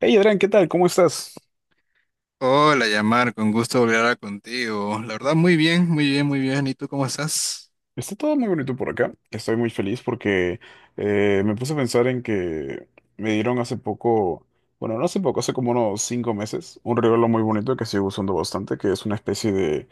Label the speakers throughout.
Speaker 1: Hey Adrián, ¿qué tal? ¿Cómo estás?
Speaker 2: Hola, Yamar, con gusto volver a hablar contigo. La verdad, muy bien, muy bien, muy bien. ¿Y tú cómo estás?
Speaker 1: Está todo muy bonito por acá. Estoy muy feliz porque me puse a pensar en que me dieron hace poco, bueno, no hace poco, hace como unos 5 meses, un regalo muy bonito que sigo usando bastante, que es una especie de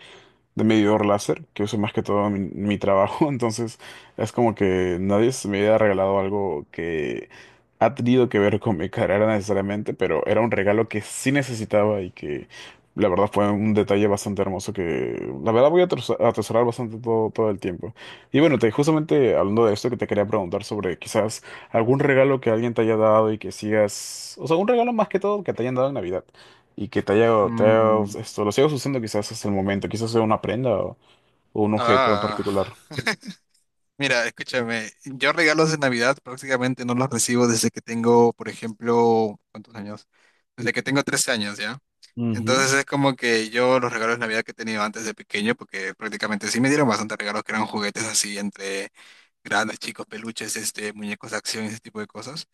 Speaker 1: medidor láser que uso más que todo en mi trabajo. Entonces es como que nadie se me había regalado algo que ha tenido que ver con mi carrera necesariamente, pero era un regalo que sí necesitaba y que la verdad fue un detalle bastante hermoso que la verdad voy a atesorar bastante todo, todo el tiempo. Y bueno, justamente hablando de esto que te quería preguntar sobre quizás algún regalo que alguien te haya dado y que sigas, o sea, un regalo más que todo que te hayan dado en Navidad y que
Speaker 2: Mm.
Speaker 1: esto, lo sigas usando quizás hasta el momento, quizás sea una prenda o un objeto en particular.
Speaker 2: Ah, Mira, escúchame, yo regalos de Navidad prácticamente no los recibo desde que tengo, por ejemplo, ¿cuántos años? Desde que tengo 13 años, ¿ya?
Speaker 1: Ujú.
Speaker 2: Entonces es como que yo los regalos de Navidad que he tenido antes de pequeño, porque prácticamente sí me dieron bastante regalos que eran juguetes así entre grandes, chicos, peluches, muñecos de acción, ese tipo de cosas.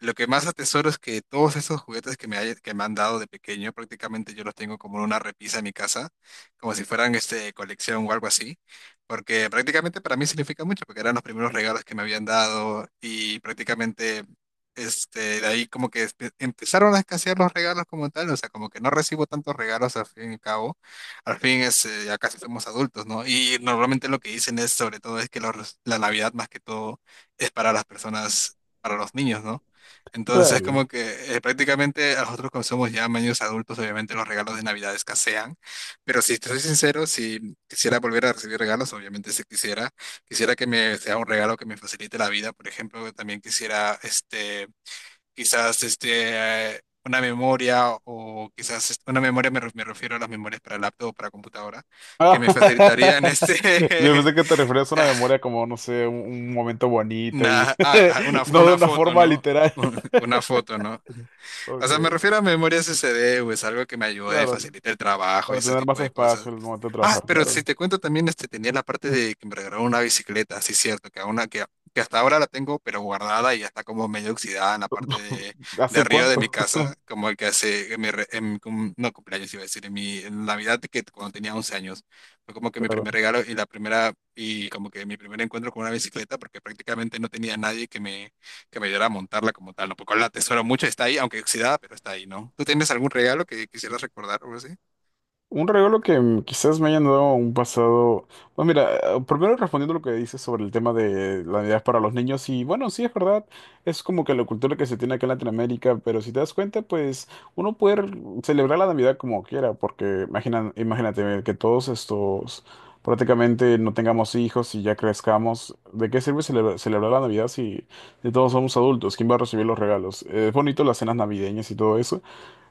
Speaker 2: Lo que más atesoro es que todos esos juguetes que que me han dado de pequeño, prácticamente yo los tengo como en una repisa en mi casa, como si fueran colección o algo así, porque prácticamente para mí significa mucho, porque eran los primeros regalos que me habían dado y prácticamente de ahí como que empezaron a escasear los regalos como tal, o sea, como que no recibo tantos regalos al fin y al cabo al fin es, ya casi somos adultos, ¿no? Y normalmente lo que dicen es, sobre todo, es que la Navidad más que todo es para las personas, para los niños, ¿no? Entonces,
Speaker 1: Claro.
Speaker 2: como que prácticamente a nosotros como somos ya niños adultos, obviamente los regalos de Navidad escasean, pero si te soy sincero, si quisiera volver a recibir regalos, obviamente si quisiera, quisiera que me sea un regalo que me facilite la vida, por ejemplo, también quisiera, este quizás, una memoria o quizás, una memoria, me refiero a las memorias para laptop o para computadora, que
Speaker 1: Ah,
Speaker 2: me facilitarían
Speaker 1: Yo pensé que te referías a una
Speaker 2: ah,
Speaker 1: memoria como, no sé, un momento bonito y no de
Speaker 2: una
Speaker 1: una
Speaker 2: foto,
Speaker 1: forma
Speaker 2: ¿no?
Speaker 1: literal.
Speaker 2: Una foto, ¿no? O
Speaker 1: Ok,
Speaker 2: sea, me refiero a memorias D güey, es algo que me ayude,
Speaker 1: claro,
Speaker 2: facilita el trabajo y
Speaker 1: para
Speaker 2: ese
Speaker 1: tener más
Speaker 2: tipo de
Speaker 1: espacio
Speaker 2: cosas.
Speaker 1: en el momento de trabajar,
Speaker 2: Pero si
Speaker 1: claro.
Speaker 2: te cuento también, tenía la parte de que me regalaron una bicicleta, sí, cierto, que hasta ahora la tengo, pero guardada y ya está como medio oxidada en la parte de
Speaker 1: ¿Hace
Speaker 2: arriba de mi
Speaker 1: cuánto?
Speaker 2: casa, como el que hace, en mi no cumpleaños iba a decir, en Navidad, que cuando tenía 11 años, fue como que mi
Speaker 1: Claro.
Speaker 2: primer regalo y la primera, y como que mi primer encuentro con una bicicleta, porque prácticamente no tenía nadie que me ayudara a montarla como tal, ¿no? Porque la atesoro mucho, está ahí, aunque oxidada, pero está ahí, ¿no? ¿Tú tienes algún regalo que quisieras recordar o algo así?
Speaker 1: Un regalo que quizás me hayan dado un pasado. Bueno, mira, primero respondiendo lo que dices sobre el tema de la Navidad para los niños, y bueno, sí es verdad, es como que la cultura que se tiene acá en Latinoamérica, pero si te das cuenta, pues uno puede celebrar la Navidad como quiera, porque imagínate que todos estos prácticamente no tengamos hijos y ya crezcamos. ¿De qué sirve celebrar la Navidad si todos somos adultos? ¿Quién va a recibir los regalos? Es bonito las cenas navideñas y todo eso.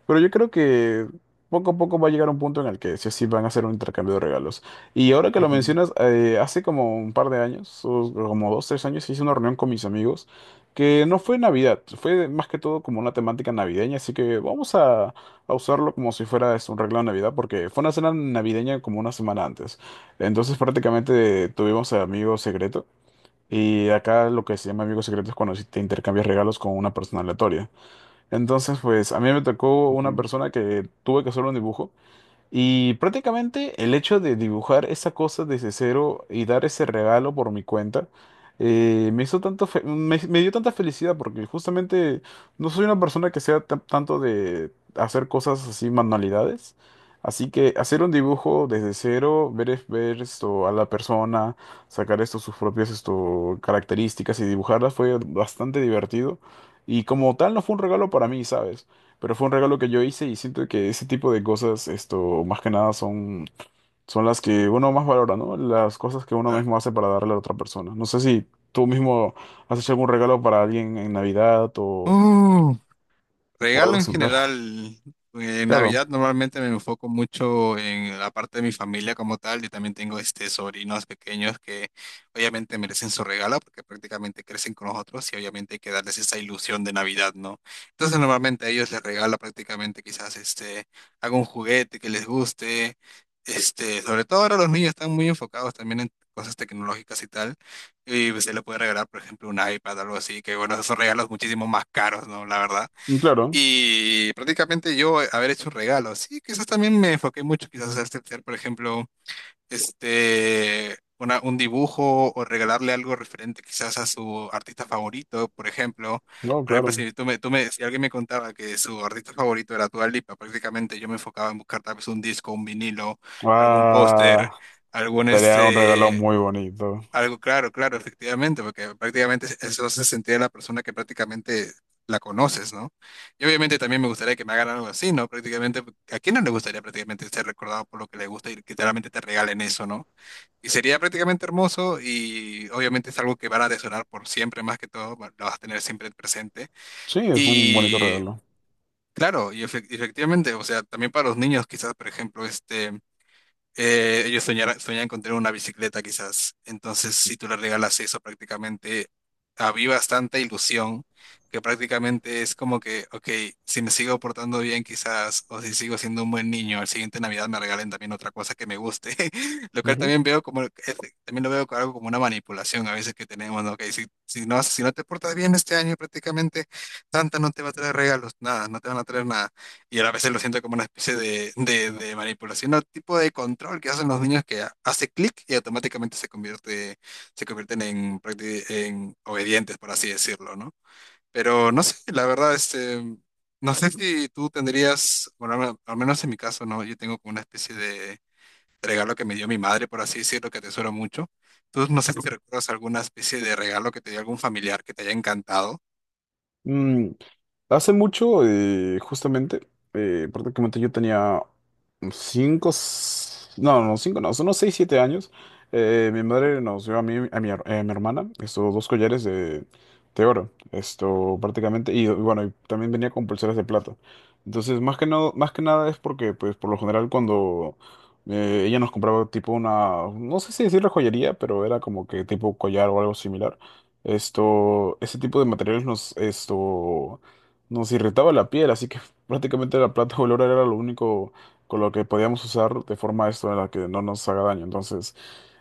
Speaker 1: Pero yo creo que poco a poco va a llegar un punto en el que sí o sí van a hacer un intercambio de regalos. Y ahora que lo
Speaker 2: Ujú,
Speaker 1: mencionas, hace como un par de años, o como 2, 3 años, hice una reunión con mis amigos que no fue Navidad, fue más que todo como una temática navideña, así que vamos a usarlo como si fuera es un regalo de Navidad, porque fue una cena navideña como una semana antes. Entonces prácticamente tuvimos a amigo secreto. Y acá lo que se llama amigo secreto es cuando sí te intercambias regalos con una persona aleatoria. Entonces, pues a mí me tocó una
Speaker 2: ujú.
Speaker 1: persona que tuve que hacer un dibujo. Y prácticamente el hecho de dibujar esa cosa desde cero y dar ese regalo por mi cuenta, me hizo tanto fe- me dio tanta felicidad porque justamente no soy una persona que sea tanto de hacer cosas así, manualidades. Así que hacer un dibujo desde cero, ver esto a la persona, sacar esto, sus propias esto, características y dibujarlas fue bastante divertido. Y como tal no fue un regalo para mí, ¿sabes? Pero fue un regalo que yo hice y siento que ese tipo de cosas, esto, más que nada son las que uno más valora, ¿no? Las cosas que uno
Speaker 2: Claro.
Speaker 1: mismo hace para darle a la otra persona. No sé si tú mismo has hecho algún regalo para alguien en Navidad
Speaker 2: ¡Oh!
Speaker 1: o
Speaker 2: Regalo
Speaker 1: algo
Speaker 2: en
Speaker 1: similar.
Speaker 2: general, en
Speaker 1: Claro,
Speaker 2: Navidad normalmente me enfoco mucho en la parte de mi familia como tal y también tengo sobrinos pequeños que obviamente merecen su regalo porque prácticamente crecen con nosotros y obviamente hay que darles esa ilusión de Navidad, ¿no? Entonces normalmente a ellos les regalo prácticamente quizás algún juguete que les guste, sobre todo ahora los niños están muy enfocados también en cosas tecnológicas y tal. Y se le puede regalar, por ejemplo, un iPad, algo así, que bueno, esos son regalos muchísimo más caros, ¿no? La verdad.
Speaker 1: y claro,
Speaker 2: Y prácticamente yo haber hecho regalos. Sí, quizás también me enfoqué mucho, quizás a hacer, por ejemplo, un dibujo o regalarle algo referente quizás a su artista favorito, por ejemplo.
Speaker 1: no,
Speaker 2: Por ejemplo,
Speaker 1: claro.
Speaker 2: si tú me, tú me, si alguien me contaba que su artista favorito era Dua Lipa, prácticamente yo me enfocaba en buscar tal vez un disco, un vinilo, algún
Speaker 1: Ah,
Speaker 2: póster, algún
Speaker 1: sería un regalo
Speaker 2: este,
Speaker 1: muy bonito.
Speaker 2: algo claro, claro, efectivamente, porque prácticamente eso se sentía la persona que prácticamente la conoces, ¿no? Y obviamente también me gustaría que me hagan algo así, ¿no? Prácticamente, ¿a quién no le gustaría prácticamente ser recordado por lo que le gusta y que realmente te regalen eso, ¿no? Y sería prácticamente hermoso y obviamente es algo que van a atesorar por siempre, más que todo, lo vas a tener siempre presente.
Speaker 1: Sí, es un bonito
Speaker 2: Y
Speaker 1: regalo.
Speaker 2: claro, y efectivamente, o sea, también para los niños quizás, por ejemplo, este... Ellos soñan con tener una bicicleta quizás. Entonces, si tú le regalas eso, prácticamente avivas tanta ilusión que prácticamente es como que, ok, si me sigo portando bien quizás, o si sigo siendo un buen niño, al siguiente Navidad me regalen también otra cosa que me guste. Lo cual
Speaker 1: Ujú.
Speaker 2: también veo como, también lo veo como algo como una manipulación a veces que tenemos, ¿no? Ok, si no te portas bien este año, prácticamente Santa no te va a traer regalos, nada, no te van a traer nada. Y a veces lo siento como una especie de manipulación o tipo de control que hacen los niños que hace clic y automáticamente se convierten en, en obedientes, por así decirlo, ¿no? Pero no sé, la verdad, no sé si tú tendrías, bueno, al menos en mi caso, ¿no? Yo tengo como una especie de regalo que me dio mi madre, por así decirlo, que atesoro mucho. Tú no sé si recuerdas alguna especie de regalo que te dio algún familiar que te haya encantado.
Speaker 1: Mm, Hace mucho, justamente, prácticamente yo tenía cinco, no, no, cinco, no, son unos 6, 7 años. Mi madre nos dio a mí, a mi hermana, estos dos collares de, oro, esto prácticamente, y bueno, y también venía con pulseras de plata. Entonces, más que nada es porque, pues, por lo general cuando ella nos compraba tipo una, no sé si decirle joyería, pero era como que tipo collar o algo similar. Esto, ese tipo de materiales nos, esto nos irritaba la piel, así que prácticamente la plata color era lo único con lo que podíamos usar de forma esto en la que no nos haga daño. Entonces,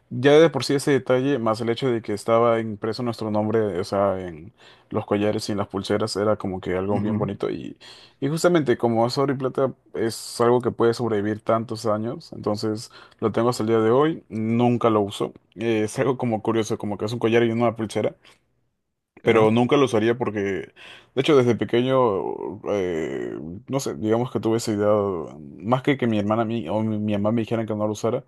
Speaker 1: ya de por sí ese detalle, más el hecho de que estaba impreso nuestro nombre, o sea, en los collares y en las pulseras, era como que algo bien
Speaker 2: Ujú.
Speaker 1: bonito. Y, justamente como es oro y plata, es algo que puede sobrevivir tantos años. Entonces, lo tengo hasta el día de hoy, nunca lo uso. Es algo como curioso, como que es un collar y una pulsera
Speaker 2: Claro,
Speaker 1: pero nunca lo usaría porque, de hecho, desde pequeño, no sé, digamos que tuve esa idea, más que mi hermana mi, o mi, mi mamá me dijeran que no lo usara,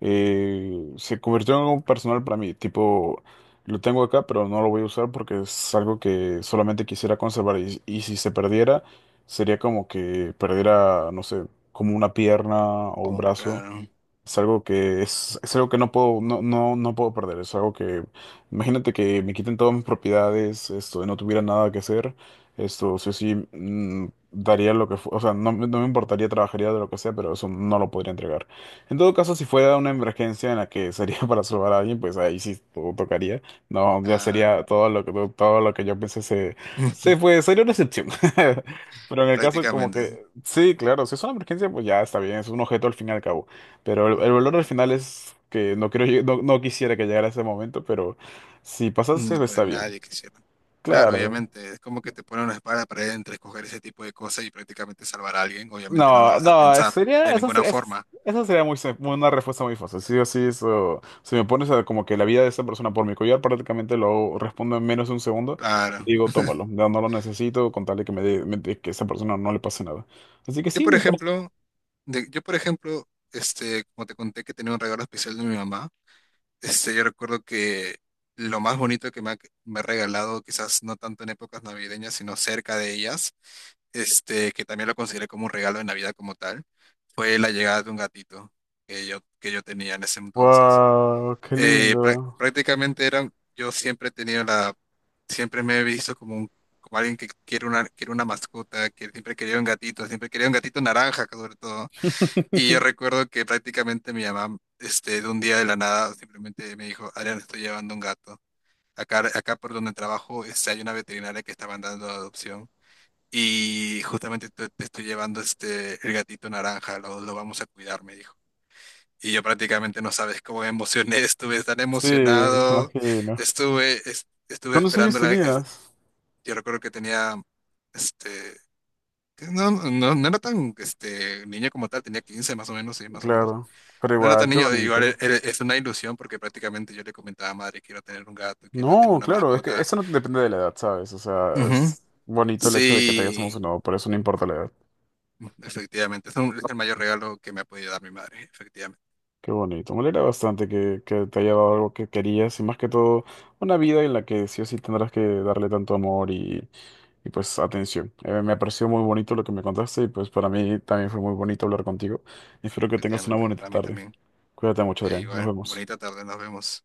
Speaker 1: se convirtió en algo personal para mí, tipo, lo tengo acá, pero no lo voy a usar porque es algo que solamente quisiera conservar y si se perdiera, sería como que perdiera, no sé, como una pierna o un
Speaker 2: como,
Speaker 1: brazo.
Speaker 2: claro,
Speaker 1: Es algo que es algo que no puedo, no, no, no puedo perder. Es algo que, imagínate que me quiten todas mis propiedades, esto, no tuviera nada que hacer, esto, sí o sí, daría lo que, o sea, no, no me importaría, trabajaría de lo que sea, pero eso no lo podría entregar. En todo caso, si fuera una emergencia en la que sería para salvar a alguien, pues ahí sí tocaría. No, ya
Speaker 2: claro.
Speaker 1: sería todo lo que yo pensé se fue, sería una excepción. Pero en el caso como
Speaker 2: Prácticamente.
Speaker 1: que, sí, claro, si es una emergencia, pues ya está bien, es un objeto al fin y al cabo. Pero el valor al final es que no quiero, no, no quisiera que llegara ese momento, pero si
Speaker 2: Mm.
Speaker 1: pasase
Speaker 2: Pues
Speaker 1: está bien.
Speaker 2: nadie quisiera. Claro,
Speaker 1: Claro.
Speaker 2: obviamente, es como que te ponen una espada para entre escoger ese tipo de cosas y prácticamente salvar a alguien. Obviamente no la
Speaker 1: No,
Speaker 2: vas a
Speaker 1: no,
Speaker 2: pensar de
Speaker 1: sería, eso
Speaker 2: ninguna
Speaker 1: sería,
Speaker 2: forma.
Speaker 1: eso sería muy, una respuesta muy fácil. Sí o sí, eso, si me pones a como que la vida de esa persona por mi collar, prácticamente lo respondo en menos de un segundo y
Speaker 2: Claro.
Speaker 1: digo, tómalo, no, no lo necesito con tal de que me que a esa persona no le pase nada. Así que
Speaker 2: Yo,
Speaker 1: sí,
Speaker 2: por
Speaker 1: me parece.
Speaker 2: ejemplo, yo, por ejemplo, como te conté que tenía un regalo especial de mi mamá, yo recuerdo que lo más bonito me ha regalado, quizás no tanto en épocas navideñas, sino cerca de ellas, que también lo consideré como un regalo de Navidad como tal, fue la llegada de un gatito que yo tenía en ese entonces.
Speaker 1: Wow, qué lindo.
Speaker 2: Prácticamente era, yo siempre he tenido la, siempre me he visto como un, como alguien que quiere una mascota, que siempre quería un gatito, siempre quería un gatito naranja sobre todo. Y yo recuerdo que prácticamente mi mamá, de un día de la nada, simplemente me dijo, Adrián, estoy llevando un gato. Acá por donde trabajo, hay una veterinaria que está mandando a adopción. Y justamente te estoy llevando el gatito naranja, lo vamos a cuidar, me dijo. Y yo prácticamente no sabes cómo me emocioné, estuve tan
Speaker 1: Sí, me
Speaker 2: emocionado,
Speaker 1: imagino.
Speaker 2: estuve
Speaker 1: ¿Cuántos años
Speaker 2: esperando la...
Speaker 1: tenías?
Speaker 2: yo recuerdo que tenía, este, que no, no, no era tan, niño como tal, tenía 15 más o menos, sí, más o menos.
Speaker 1: Claro, pero
Speaker 2: No era
Speaker 1: igual,
Speaker 2: tan
Speaker 1: qué
Speaker 2: niño, igual
Speaker 1: bonito.
Speaker 2: es una ilusión porque prácticamente yo le comentaba a madre, quiero tener un gato, quiero tener
Speaker 1: No,
Speaker 2: una
Speaker 1: claro, es que
Speaker 2: mascota.
Speaker 1: eso no depende de la edad, ¿sabes? O sea,
Speaker 2: Ujú.
Speaker 1: es bonito el hecho de que te hayas
Speaker 2: Sí,
Speaker 1: emocionado, pero eso no importa la edad.
Speaker 2: efectivamente, es el mayor regalo que me ha podido dar mi madre, efectivamente,
Speaker 1: Qué bonito. Me alegra bastante que te haya dado algo que querías y más que todo una vida en la que sí o sí tendrás que darle tanto amor y, pues atención. Me pareció muy bonito lo que me contaste y pues para mí también fue muy bonito hablar contigo. Espero que tengas una
Speaker 2: efectivamente,
Speaker 1: bonita
Speaker 2: para mí
Speaker 1: tarde.
Speaker 2: también.
Speaker 1: Cuídate mucho, Adrián. Nos
Speaker 2: Igual,
Speaker 1: vemos.
Speaker 2: bonita tarde, nos vemos.